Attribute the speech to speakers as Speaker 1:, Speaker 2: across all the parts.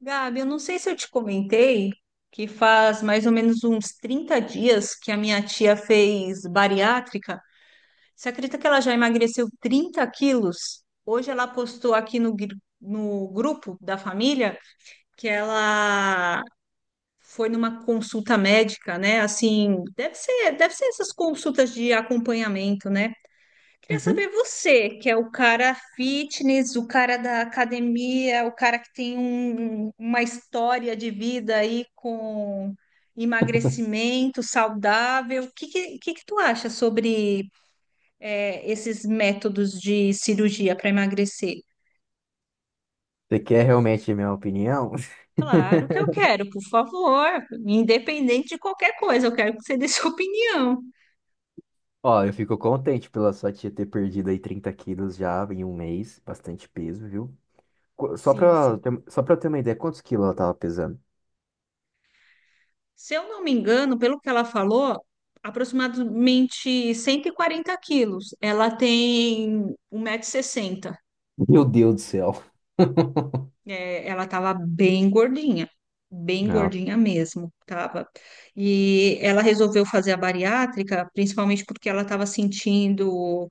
Speaker 1: Gabi, eu não sei se eu te comentei que faz mais ou menos uns 30 dias que a minha tia fez bariátrica. Você acredita que ela já emagreceu 30 quilos? Hoje ela postou aqui no grupo da família que ela foi numa consulta médica, né? Assim, deve ser essas consultas de acompanhamento, né? Queria
Speaker 2: Uhum.
Speaker 1: saber você, que é o cara fitness, o cara da academia, o cara que tem uma história de vida aí com emagrecimento saudável. O que que tu acha sobre esses métodos de cirurgia para emagrecer?
Speaker 2: Você quer realmente a minha opinião?
Speaker 1: Claro que eu quero, por favor, independente de qualquer coisa, eu quero que você dê sua opinião.
Speaker 2: Ó, eu fico contente pela sua tia ter perdido aí 30 quilos já em um mês, bastante peso, viu? Só
Speaker 1: Sim,
Speaker 2: pra,
Speaker 1: sim.
Speaker 2: só pra eu ter uma ideia, quantos quilos ela tava pesando?
Speaker 1: Se eu não me engano, pelo que ela falou, aproximadamente 140 quilos. Ela tem um 1,60 m.
Speaker 2: Meu Deus do céu.
Speaker 1: É, ela estava bem
Speaker 2: Não,
Speaker 1: gordinha mesmo, tava. E ela resolveu fazer a bariátrica, principalmente porque ela estava sentindo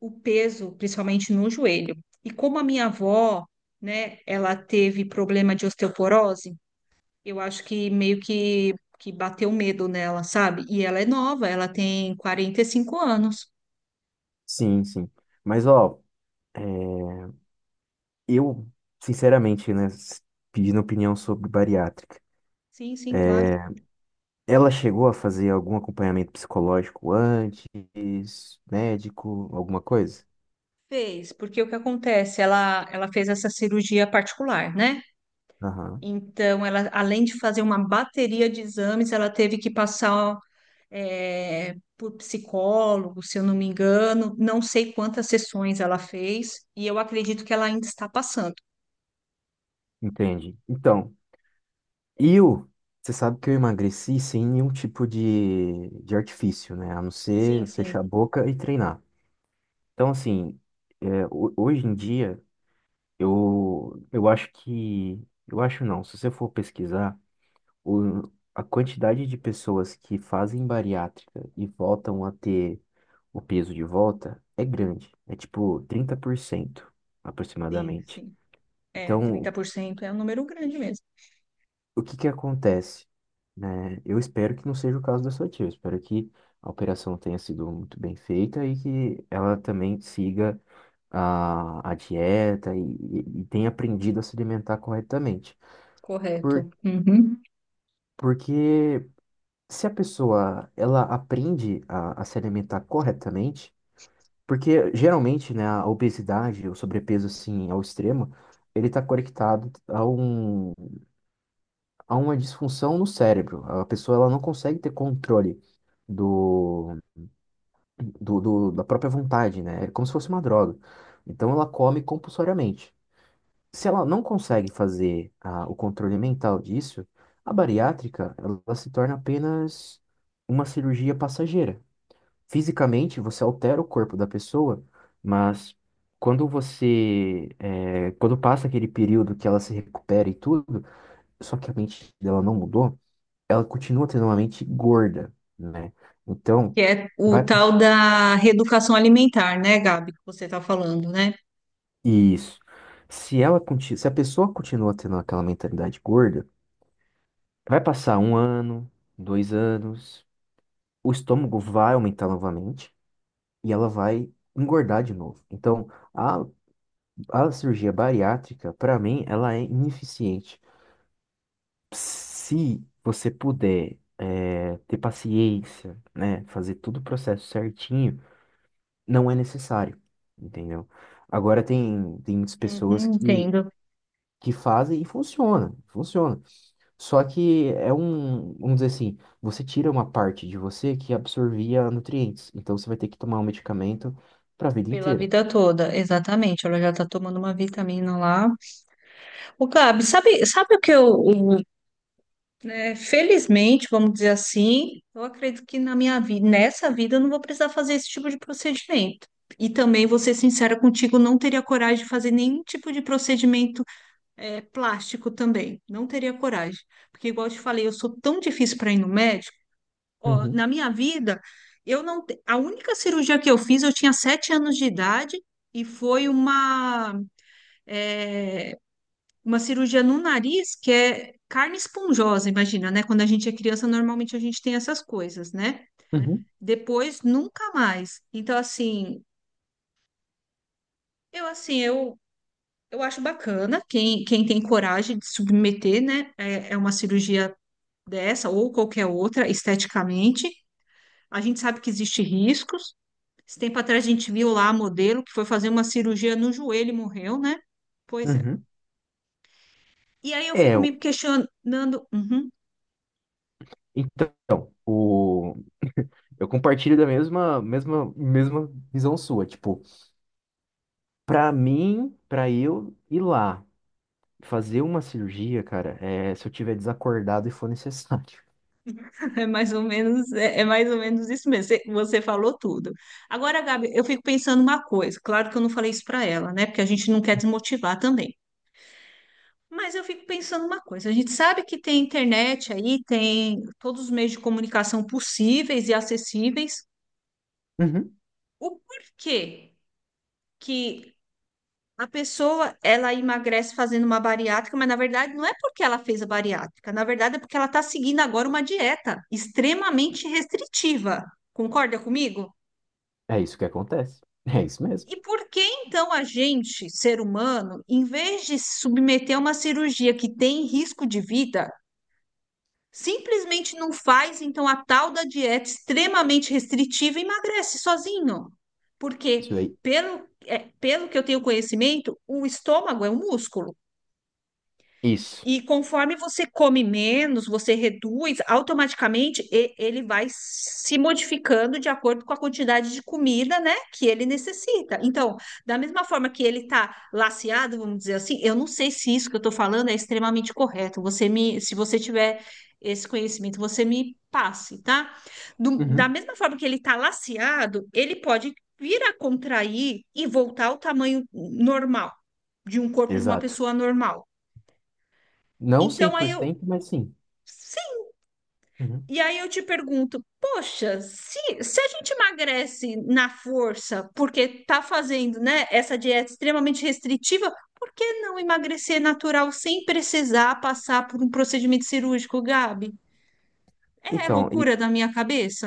Speaker 1: o peso, principalmente no joelho. E como a minha avó, né, ela teve problema de osteoporose. Eu acho que meio que bateu medo nela, sabe? E ela é nova, ela tem 45 anos.
Speaker 2: sim, sim. Mas, ó, é, eu, sinceramente, né, pedindo opinião sobre bariátrica,
Speaker 1: Sim, sim, claro.
Speaker 2: ela chegou a fazer algum acompanhamento psicológico antes, médico, alguma coisa?
Speaker 1: Fez, porque o que acontece? Ela fez essa cirurgia particular, né? Então, ela, além de fazer uma bateria de exames, ela teve que passar por psicólogo, se eu não me engano. Não sei quantas sessões ela fez, e eu acredito que ela ainda está passando.
Speaker 2: Entende? Então, eu, você sabe que eu emagreci sem nenhum tipo de artifício, né? A não
Speaker 1: Sim,
Speaker 2: ser
Speaker 1: sim,
Speaker 2: fechar a boca e treinar. Então, assim, é, hoje em dia, eu acho que. Eu acho não, se você for pesquisar, a quantidade de pessoas que fazem bariátrica e voltam a ter o peso de volta é grande. É tipo 30%
Speaker 1: sim,
Speaker 2: aproximadamente.
Speaker 1: sim. É,
Speaker 2: Então,
Speaker 1: 30% é um número grande mesmo.
Speaker 2: o que que acontece? Né? Eu espero que não seja o caso da sua tia. Eu espero que a operação tenha sido muito bem feita e que ela também siga a dieta e tenha aprendido a se alimentar corretamente. Por,
Speaker 1: Correto. Uhum.
Speaker 2: porque se a pessoa ela aprende a se alimentar corretamente, porque geralmente, né, a obesidade, o sobrepeso assim ao extremo, ele está conectado a um há uma disfunção no cérebro. A pessoa ela não consegue ter controle do, da própria vontade, né? É como se fosse uma droga. Então ela come compulsoriamente. Se ela não consegue fazer o controle mental disso, a bariátrica ela se torna apenas uma cirurgia passageira. Fisicamente você altera o corpo da pessoa, mas quando você quando passa aquele período que ela se recupera e tudo, só que a mente dela não mudou, ela continua tendo uma mente gorda, né? Então,
Speaker 1: Que é o
Speaker 2: vai.
Speaker 1: tal da reeducação alimentar, né, Gabi, que você está falando, né?
Speaker 2: Isso. Se ela, se a pessoa continua tendo aquela mentalidade gorda, vai passar um ano, dois anos, o estômago vai aumentar novamente e ela vai engordar de novo. Então, a, a cirurgia bariátrica, para mim, ela é ineficiente. Se você puder, ter paciência, né, fazer todo o processo certinho, não é necessário, entendeu? Agora tem muitas pessoas
Speaker 1: Uhum,
Speaker 2: que,
Speaker 1: entendo.
Speaker 2: que fazem e funciona, funciona. Só que é um, vamos dizer assim, você tira uma parte de você que absorvia nutrientes, então você vai ter que tomar um medicamento para a vida
Speaker 1: Pela
Speaker 2: inteira.
Speaker 1: vida toda, exatamente. Ela já está tomando uma vitamina lá. O Gabi, sabe o que eu, o- né, felizmente, vamos dizer assim, eu acredito que na minha vida, nessa vida, eu não vou precisar fazer esse tipo de procedimento. E também, vou ser sincera contigo, não teria coragem de fazer nenhum tipo de procedimento plástico também. Não teria coragem. Porque, igual eu te falei, eu sou tão difícil para ir no médico. Ó,
Speaker 2: Uhum,
Speaker 1: na minha vida, eu não. A única cirurgia que eu fiz, eu tinha 7 anos de idade e foi é, uma cirurgia no nariz que é carne esponjosa, imagina, né? Quando a gente é criança, normalmente a gente tem essas coisas, né?
Speaker 2: uhum,
Speaker 1: Depois, nunca mais. Então, assim, eu assim, eu. Eu acho bacana quem tem coragem de submeter, né? É, é uma cirurgia dessa ou qualquer outra esteticamente. A gente sabe que existem riscos. Esse tempo atrás a gente viu lá a modelo que foi fazer uma cirurgia no joelho e morreu, né? Pois é.
Speaker 2: uhum.
Speaker 1: E aí eu
Speaker 2: É,
Speaker 1: fico me questionando. Uhum.
Speaker 2: então, o, eu compartilho da mesma, mesma, mesma visão sua, tipo, para mim, para eu ir lá. Fazer uma cirurgia, cara, é se eu tiver desacordado e for necessário.
Speaker 1: É mais ou menos, é mais ou menos isso mesmo. Você falou tudo. Agora, Gabi, eu fico pensando uma coisa. Claro que eu não falei isso para ela, né? Porque a gente não quer desmotivar também. Mas eu fico pensando uma coisa. A gente sabe que tem internet aí, tem todos os meios de comunicação possíveis e acessíveis.
Speaker 2: Uhum,
Speaker 1: O porquê que a pessoa ela emagrece fazendo uma bariátrica, mas na verdade não é porque ela fez a bariátrica, na verdade é porque ela está seguindo agora uma dieta extremamente restritiva. Concorda comigo?
Speaker 2: é isso que acontece. É isso mesmo.
Speaker 1: E por que então a gente, ser humano, em vez de se submeter a uma cirurgia que tem risco de vida, simplesmente não faz, então a tal da dieta extremamente restritiva emagrece sozinho. Porque,
Speaker 2: Isso aí.
Speaker 1: pelo que eu tenho conhecimento, o estômago é um músculo.
Speaker 2: Isso.
Speaker 1: E conforme você come menos, você reduz, automaticamente ele vai se modificando de acordo com a quantidade de comida, né, que ele necessita. Então, da mesma forma que ele está laceado, vamos dizer assim, eu não sei se isso que eu estou falando é extremamente correto. Você me, se você tiver esse conhecimento, você me passe, tá? Da
Speaker 2: Uhum.
Speaker 1: mesma forma que ele está laceado, ele pode vir a contrair e voltar ao tamanho normal de um corpo de uma
Speaker 2: Exato.
Speaker 1: pessoa normal.
Speaker 2: Não cem
Speaker 1: Então, aí
Speaker 2: por
Speaker 1: eu,
Speaker 2: cento, mas sim.
Speaker 1: sim.
Speaker 2: Uhum.
Speaker 1: E aí eu te pergunto, poxa, se a gente emagrece na força, porque tá fazendo, né, essa dieta extremamente restritiva, por que não emagrecer natural sem precisar passar por um procedimento cirúrgico, Gabi? É
Speaker 2: Então,
Speaker 1: loucura da minha cabeça.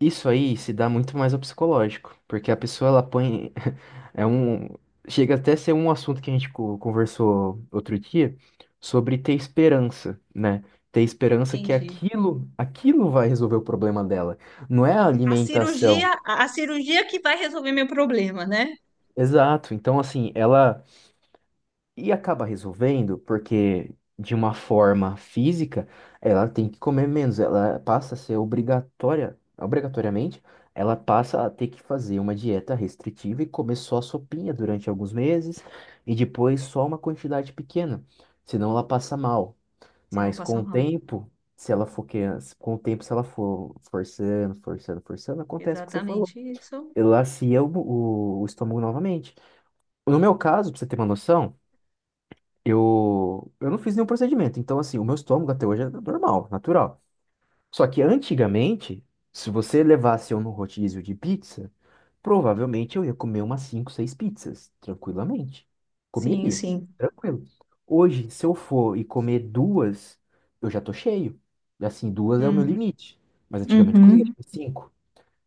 Speaker 2: isso aí se dá muito mais ao psicológico, porque a pessoa ela põe é um chega até a ser um assunto que a gente conversou outro dia sobre ter esperança, né? Ter esperança que
Speaker 1: Entendi.
Speaker 2: aquilo, aquilo vai resolver o problema dela. Não é a
Speaker 1: A
Speaker 2: alimentação,
Speaker 1: cirurgia, a cirurgia que vai resolver meu problema, né?
Speaker 2: exato. Então, assim, ela e acaba resolvendo porque de uma forma física, ela tem que comer menos, ela passa a ser obrigatória, obrigatoriamente, ela passa a ter que fazer uma dieta restritiva e comer só sopinha durante alguns meses e depois só uma quantidade pequena, senão ela passa mal.
Speaker 1: Se não
Speaker 2: Mas com
Speaker 1: passar
Speaker 2: o
Speaker 1: mal.
Speaker 2: tempo, se ela for que com o tempo se ela for forçando, forçando, forçando, acontece o que você falou.
Speaker 1: Exatamente isso.
Speaker 2: Elacia o estômago novamente. No meu caso, pra você ter uma noção, eu não fiz nenhum procedimento. Então, assim, o meu estômago até hoje é normal, natural. Só que antigamente, se você levasse eu no rodízio de pizza, provavelmente eu ia comer umas 5, 6 pizzas, tranquilamente.
Speaker 1: Sim,
Speaker 2: Comeria,
Speaker 1: sim.
Speaker 2: tranquilo. Hoje, se eu for e comer duas, eu já tô cheio. Assim, duas é o meu
Speaker 1: Hum,
Speaker 2: limite. Mas antigamente eu conseguia
Speaker 1: uhum.
Speaker 2: comer cinco.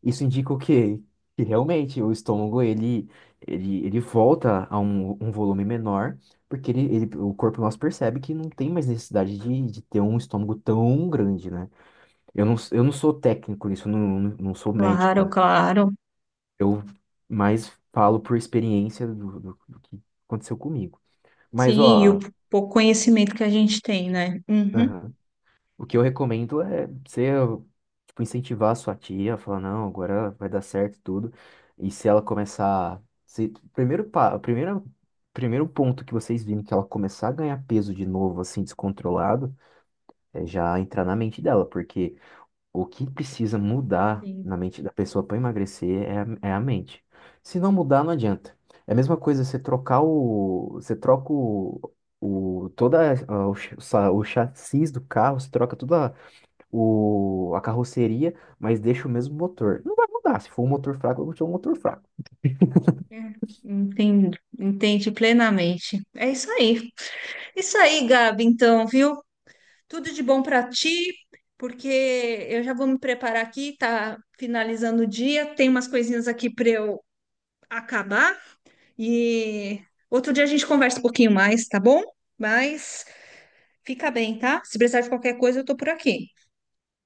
Speaker 2: Isso indica o quê? Que realmente o estômago ele, ele volta a um, um volume menor, porque o corpo nosso percebe que não tem mais necessidade de ter um estômago tão grande, né? Eu não, sou técnico nisso, eu não, não sou médico,
Speaker 1: Claro,
Speaker 2: né?
Speaker 1: claro.
Speaker 2: Eu mais falo por experiência do que aconteceu comigo. Mas,
Speaker 1: Sim, e o
Speaker 2: ó,
Speaker 1: pouco conhecimento que a gente tem, né? Uhum.
Speaker 2: aham. O que eu recomendo é você, tipo, incentivar a sua tia, falar, não, agora vai dar certo tudo. E se ela começar. Se, primeiro, primeiro ponto que vocês virem que ela começar a ganhar peso de novo, assim, descontrolado, é já entrar na mente dela, porque o que precisa mudar
Speaker 1: Sim.
Speaker 2: na mente da pessoa para emagrecer é, é a mente. Se não mudar, não adianta. É a mesma coisa você trocar o. Você troca o. O, toda o, o chassi do carro, você troca toda a o, a carroceria, mas deixa o mesmo motor. Não vai mudar. Se for um motor fraco, eu vou ter um motor fraco.
Speaker 1: É, entendo, entende plenamente. É isso aí. Isso aí, Gabi, então, viu? Tudo de bom para ti, porque eu já vou me preparar aqui, tá finalizando o dia, tem umas coisinhas aqui para eu acabar e outro dia a gente conversa um pouquinho mais, tá bom? Mas fica bem, tá? Se precisar de qualquer coisa, eu tô por aqui.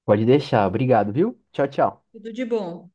Speaker 2: Pode deixar. Obrigado, viu? Tchau, tchau.
Speaker 1: Tudo de bom.